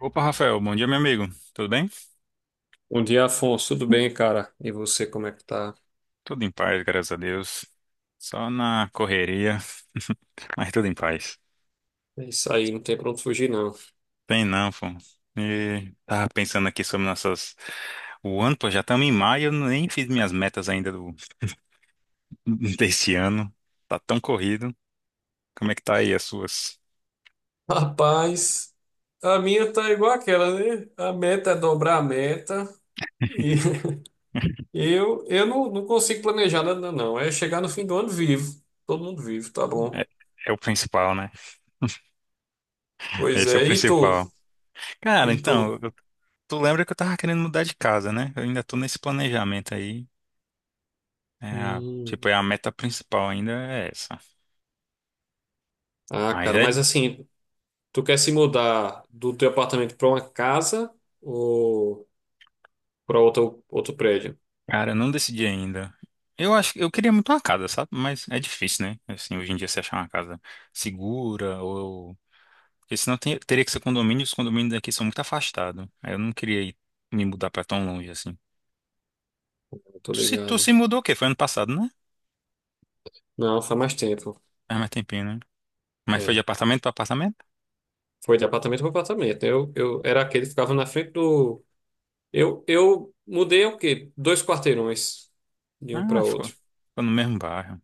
Opa, Rafael, bom dia, meu amigo. Tudo bem? Bom dia, Afonso. Tudo bem, cara? E você, como é que tá? Tudo em paz, graças a Deus. Só na correria, mas tudo em paz. É isso aí, não tem pra onde fugir, não. Tem não, pô. E tava pensando aqui sobre nossas. O ano, pô, já estamos em maio, eu nem fiz minhas metas ainda desse ano. Tá tão corrido. Como é que tá aí as suas? Rapaz, a minha tá igual aquela, né? A meta é dobrar a meta e eu não consigo planejar nada, não. É chegar no fim do ano vivo. Todo mundo vivo, tá bom. É, é o principal, né? Pois Esse é o é, e tu? principal. Cara, E então, tu? Tu lembra que eu tava querendo mudar de casa, né? Eu ainda tô nesse planejamento aí. É, Hum. tipo, é a meta principal ainda é essa. Ah, Mas cara, é. mas assim, tu quer se mudar do teu apartamento pra uma casa ou pra outro prédio? Cara, eu não decidi ainda. Eu acho que eu queria muito uma casa, sabe? Mas é difícil, né? Assim, hoje em dia você achar uma casa segura ou. Porque senão teria que ser condomínio, e os condomínios daqui são muito afastados. Aí eu não queria ir, me mudar pra tão longe assim. Tô Tu se, tu ligado. se mudou o quê? Foi ano passado, né? Não, faz mais tempo. Ah, mais tempinho, né? Mas foi de É. apartamento pra apartamento? Foi de apartamento para apartamento. Eu era aquele que ficava na frente do. Eu mudei o quê? Dois quarteirões de um Ah, para ficou, outro. ficou no mesmo bairro.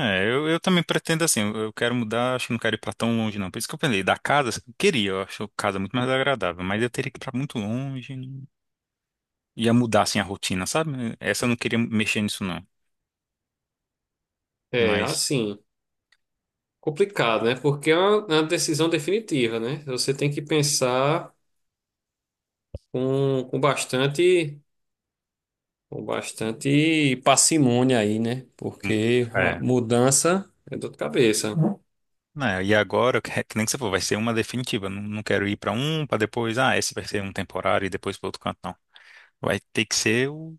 É, eu também pretendo assim, eu quero mudar, acho que não quero ir pra tão longe, não. Por isso que eu pensei, da casa, eu queria, eu acho casa muito mais agradável, mas eu teria que ir pra muito longe, né? Ia mudar assim a rotina, sabe? Essa eu não queria mexer nisso não, É, mas assim, complicado, né? Porque é uma decisão definitiva, né? Você tem que pensar com, com bastante, com bastante parcimônia aí, né? hum, Porque a é. mudança é dor de cabeça. Né, e agora, que nem que você falou, vai ser uma definitiva. Não, não quero ir pra um, pra depois, ah, esse vai ser um temporário e depois para outro canto, não. Vai ter que ser o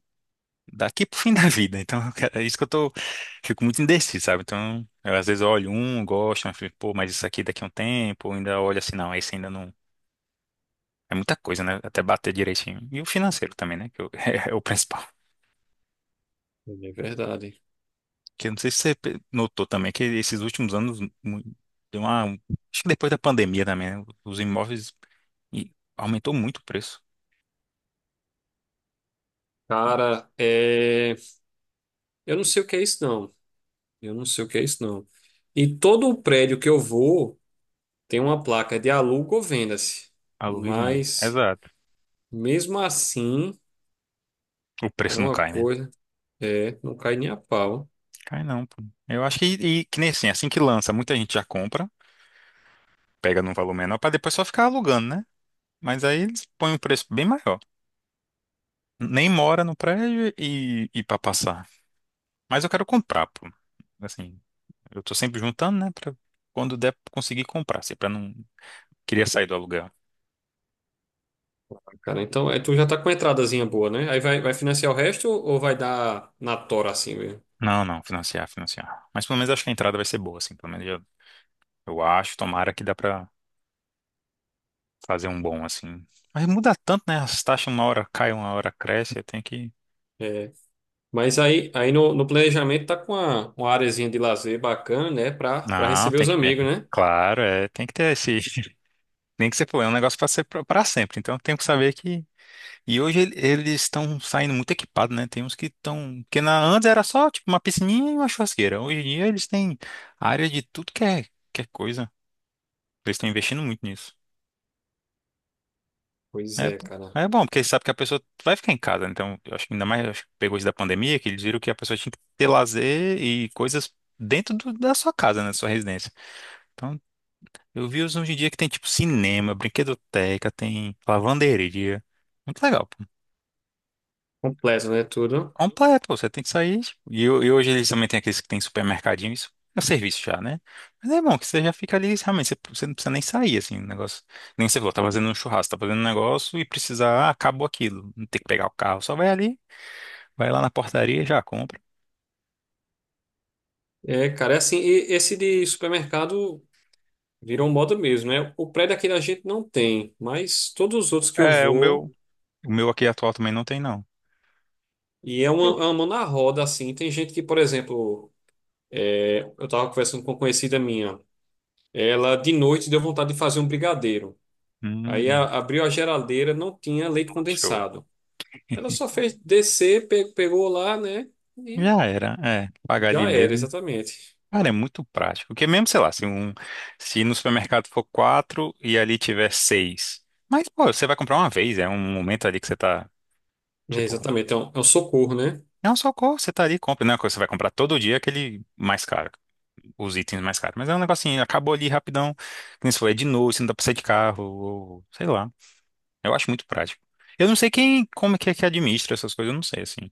daqui pro fim da vida. Então, é isso que eu tô, fico muito indeciso, sabe? Então, eu, às vezes eu olho um, gosto, mas fico, pô, mas isso aqui daqui a um tempo, eu ainda olho assim, não, esse ainda não. É muita coisa, né? Até bater direitinho. E o financeiro também, né? É o principal. É verdade. Que eu não sei se você notou também que esses últimos anos deu uma. Acho que depois da pandemia também, né? Os imóveis e aumentou muito o preço. Cara, eu não sei o que é isso, não. Eu não sei o que é isso, não. E todo o prédio que eu vou. Tem uma placa de aluga ou venda-se, Aluga e vende. mas Exato. mesmo assim O é preço não uma cai, né? coisa, não cai nem a pau, Cai não, pô. Eu acho que, e, que nem assim, assim que lança, muita gente já compra, pega num valor menor pra depois só ficar alugando, né? Mas aí eles põem um preço bem maior. Nem mora no prédio e para passar. Mas eu quero comprar, pô. Assim, eu tô sempre juntando, né? Pra quando der conseguir comprar, assim, pra não. Queria sair do aluguel. cara. Então, tu já tá com uma entradazinha boa, né? Aí vai financiar o resto ou vai dar na tora assim mesmo? Não, não, financiar, financiar. Mas pelo menos acho que a entrada vai ser boa, assim. Pelo menos eu acho, tomara que dá pra fazer um bom, assim. Mas muda tanto, né? As taxas uma hora caem, uma hora cresce, eu tenho que. É. Mas aí no planejamento tá com uma areazinha de lazer bacana, né? Pra Não, receber tem os que ter. amigos, né? Claro, é, tem que ter esse. Nem que você for, é um negócio pra ser pra sempre. Então tem que saber que. E hoje eles estão saindo muito equipados, né? Tem uns que estão. Porque na, antes era só tipo uma piscininha e uma churrasqueira. Hoje em dia eles têm área de tudo que é coisa. Eles estão investindo muito nisso. Pois É, é, cara. é bom, porque sabe que a pessoa vai ficar em casa, né? Então eu acho que ainda mais eu acho que pegou isso da pandemia, que eles viram que a pessoa tinha que ter lazer e coisas dentro do- da sua casa, né? Da sua residência. Então, eu vi os hoje em dia que tem tipo cinema, brinquedoteca, tem lavanderia. Muito legal, pô. Completo, né? Tudo. Completo, pô, você tem que sair. Tipo, E hoje eles também têm aqueles que tem supermercadinho, isso é um serviço já, né? Mas é bom que você já fica ali, realmente, você não precisa nem sair, assim, o negócio. Nem você falou, tá fazendo um churrasco, tá fazendo um negócio e precisar, ah, acabou aquilo. Não tem que pegar o carro, só vai ali. Vai lá na portaria e já compra. É, cara, é assim, e esse de supermercado. Virou moda mesmo, né? O prédio aqui da gente não tem, mas todos os outros que eu É, vou, o meu aqui atual também não tem, não. e é uma mão na roda, assim. Tem gente que, por exemplo, eu tava conversando com uma conhecida minha, ela de noite deu vontade de fazer um brigadeiro. Aí Hum, abriu a geladeira, não tinha leite show. condensado. Ela só fez descer, pegou lá, né? E Já era, é, pagar ali já era, mesmo. exatamente. Cara, é muito prático. Porque mesmo, sei lá, se, um, se no supermercado for quatro e ali tiver seis. Mas, pô, você vai comprar uma vez, é um momento ali que você tá, É, tipo, exatamente, então é um socorro, né? é um socorro, você tá ali, e compra. Não é uma coisa que você vai comprar todo dia aquele mais caro, os itens mais caros. Mas é um negocinho, acabou ali rapidão, que nem você falou, é de noite, você não dá pra sair de carro, ou, sei lá. Eu acho muito prático. Eu não sei quem, como que é que administra essas coisas, eu não sei, assim.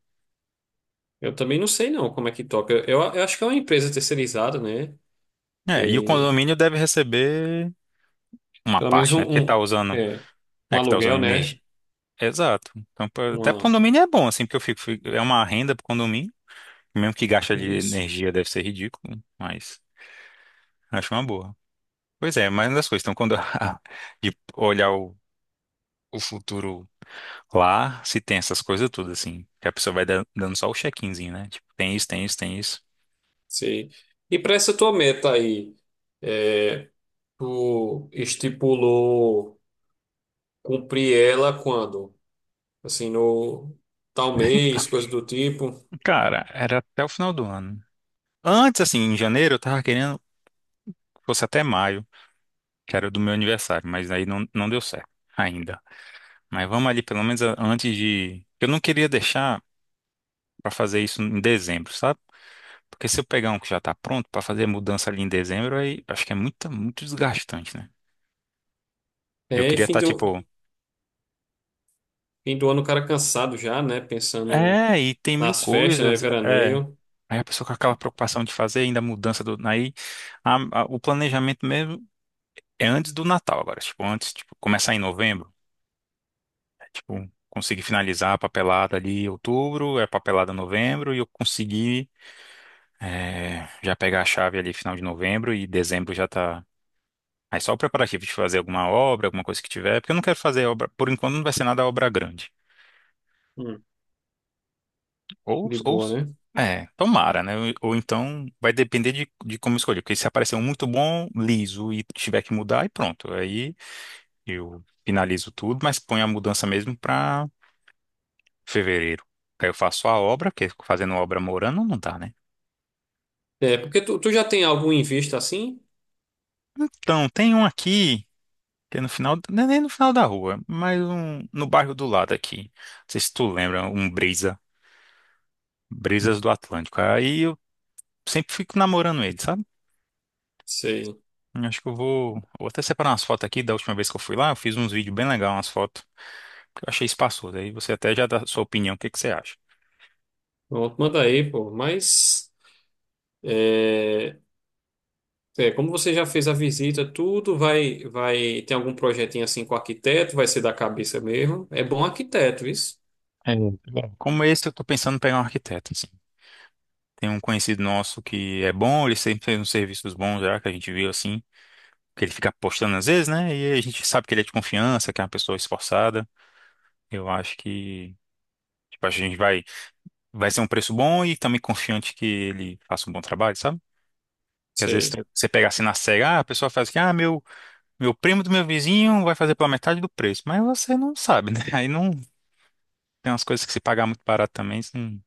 Eu também não sei não como é que toca. Eu acho que é uma empresa terceirizada, né? É, e o condomínio deve receber uma Pelo menos parte, né? Porque tá usando, é, um é que tá usando aluguel, né? energia. Exato. Então, até pro Uma, condomínio é bom, assim, porque eu é uma renda pro condomínio, mesmo que gasta de isso. energia deve ser ridículo, mas acho uma boa. Pois é, mas uma das coisas, então, quando de olhar o futuro lá, se tem essas coisas tudo assim, que a pessoa vai dando só o check-inzinho, né? Tipo, tem isso, tem isso, tem isso. Sei. E para essa tua meta aí, é, tu estipulou cumprir ela quando? Assim, no tal mês, coisa do tipo. Cara, era até o final do ano. Antes, assim, em janeiro, eu tava querendo que fosse até maio, que era do meu aniversário, mas aí não deu certo ainda. Mas vamos ali, pelo menos antes de. Eu não queria deixar pra fazer isso em dezembro, sabe? Porque se eu pegar um que já tá pronto pra fazer mudança ali em dezembro, aí acho que é muito, muito desgastante, né? Eu É, e queria fim estar, do, tipo. fim do ano o cara cansado já, né? Pensando É, e tem mil nas festas, né? coisas. É. Veraneio. Aí a pessoa com aquela preocupação de fazer ainda a mudança do. Aí o planejamento mesmo é antes do Natal agora. Tipo, antes, tipo, começar em novembro. É, tipo, consegui finalizar a papelada ali em outubro, é papelada em novembro, e eu consegui já pegar a chave ali final de novembro e dezembro já tá. Aí só o preparativo de fazer alguma obra, alguma coisa que tiver, porque eu não quero fazer obra, por enquanto não vai ser nada obra grande. Hum, Ou, de ou boa, né? é, tomara, né? Ou então vai depender de como escolher, porque se aparecer um muito bom, liso, e tiver que mudar, e pronto. Aí eu finalizo tudo, mas ponho a mudança mesmo pra fevereiro. Aí eu faço a obra, porque fazendo obra morando não dá, né? É, porque tu já tem algum em vista assim? Então, tem um aqui, que é no final, não é nem no final da rua, mas um, no bairro do lado aqui. Não sei se tu lembra, Brisas do Atlântico. Aí eu sempre fico namorando ele, sabe? Sei. Eu acho que eu vou até separar umas fotos aqui da última vez que eu fui lá, eu fiz uns vídeos bem legais, umas fotos. Eu achei espaçoso. Aí você até já dá a sua opinião, o que que você acha? Pronto, manda aí, pô. Mas. É, como você já fez a visita, tudo vai, tem algum projetinho assim com o arquiteto, vai ser da cabeça mesmo. É bom arquiteto, isso. É, bom, como esse, eu tô pensando em pegar um arquiteto, assim. Tem um conhecido nosso que é bom, ele sempre fez uns serviços bons já, que a gente viu, assim, que ele fica postando às vezes, né? E a gente sabe que ele é de confiança, que é uma pessoa esforçada. Eu acho que, tipo, a gente vai ser um preço bom e também confiante que ele faça um bom trabalho, sabe? Que às vezes Sei. Você pega assim na cega, ah, a pessoa faz que, ah, meu primo do meu vizinho vai fazer pela metade do preço. Mas você não sabe, né? Aí não tem umas coisas que se pagar muito barato também, isso não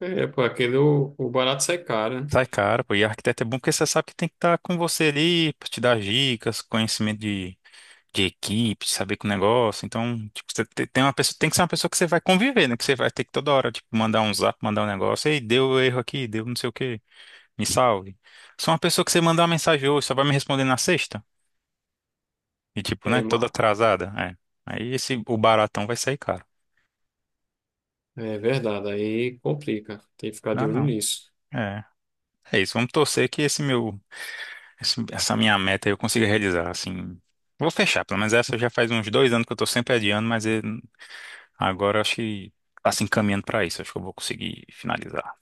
É, pô, aquele o barato sai caro, né? sai caro, pô. E arquiteto é bom porque você sabe que tem que estar com você ali pra te dar dicas, conhecimento de equipe, de saber com o negócio. Então, tipo, tem uma pessoa, tem que ser uma pessoa que você vai conviver, né? Que você vai ter que toda hora, tipo, mandar um zap, mandar um negócio, ei, deu erro aqui, deu não sei o quê, me salve. Só uma pessoa que você mandar uma mensagem hoje, só vai me responder na sexta. E tipo, né? É, Toda atrasada. É. Aí esse, o baratão vai sair caro. é verdade, aí complica. Tem que ficar Dá de olho não. nisso. É. É isso. Vamos torcer que essa minha meta eu consiga realizar, assim. Vou fechar, pelo menos essa já faz uns 2 anos que eu tô sempre adiando, mas agora eu acho que tá se encaminhando pra isso. Acho que eu vou conseguir finalizar.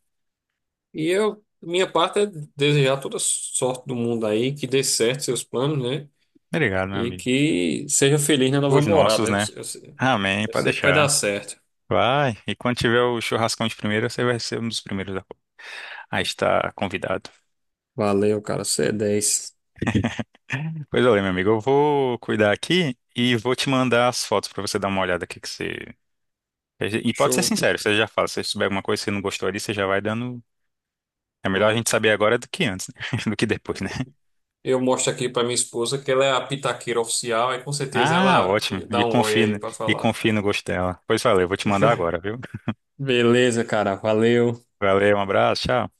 E eu, minha parte é desejar toda sorte do mundo aí, que dê certo seus planos, né? Obrigado, meu E amigo. que seja feliz na nova Os nossos, morada. Eu, né? eu Amém, eu pode sei que vai dar deixar. certo. Vai. E quando tiver o churrascão de primeira, você vai ser um dos primeiros a estar convidado. Valeu, cara. Você é 10. Pois olha, meu amigo, eu vou cuidar aqui e vou te mandar as fotos pra você dar uma olhada aqui que você. E pode ser Show. sincero, você já fala, se você souber alguma coisa que você não gostou ali, você já vai dando. É melhor a gente Pronto. saber agora do que antes, né? do que depois, né? Eu mostro aqui pra minha esposa que ela é a pitaqueira oficial, aí com certeza Ah, ela ótimo. E dá um oi confie, no- aí pra e falar. confie no gosto dela. Pois valeu, vou te mandar agora, viu? Beleza, cara, valeu. Valeu, um abraço, tchau.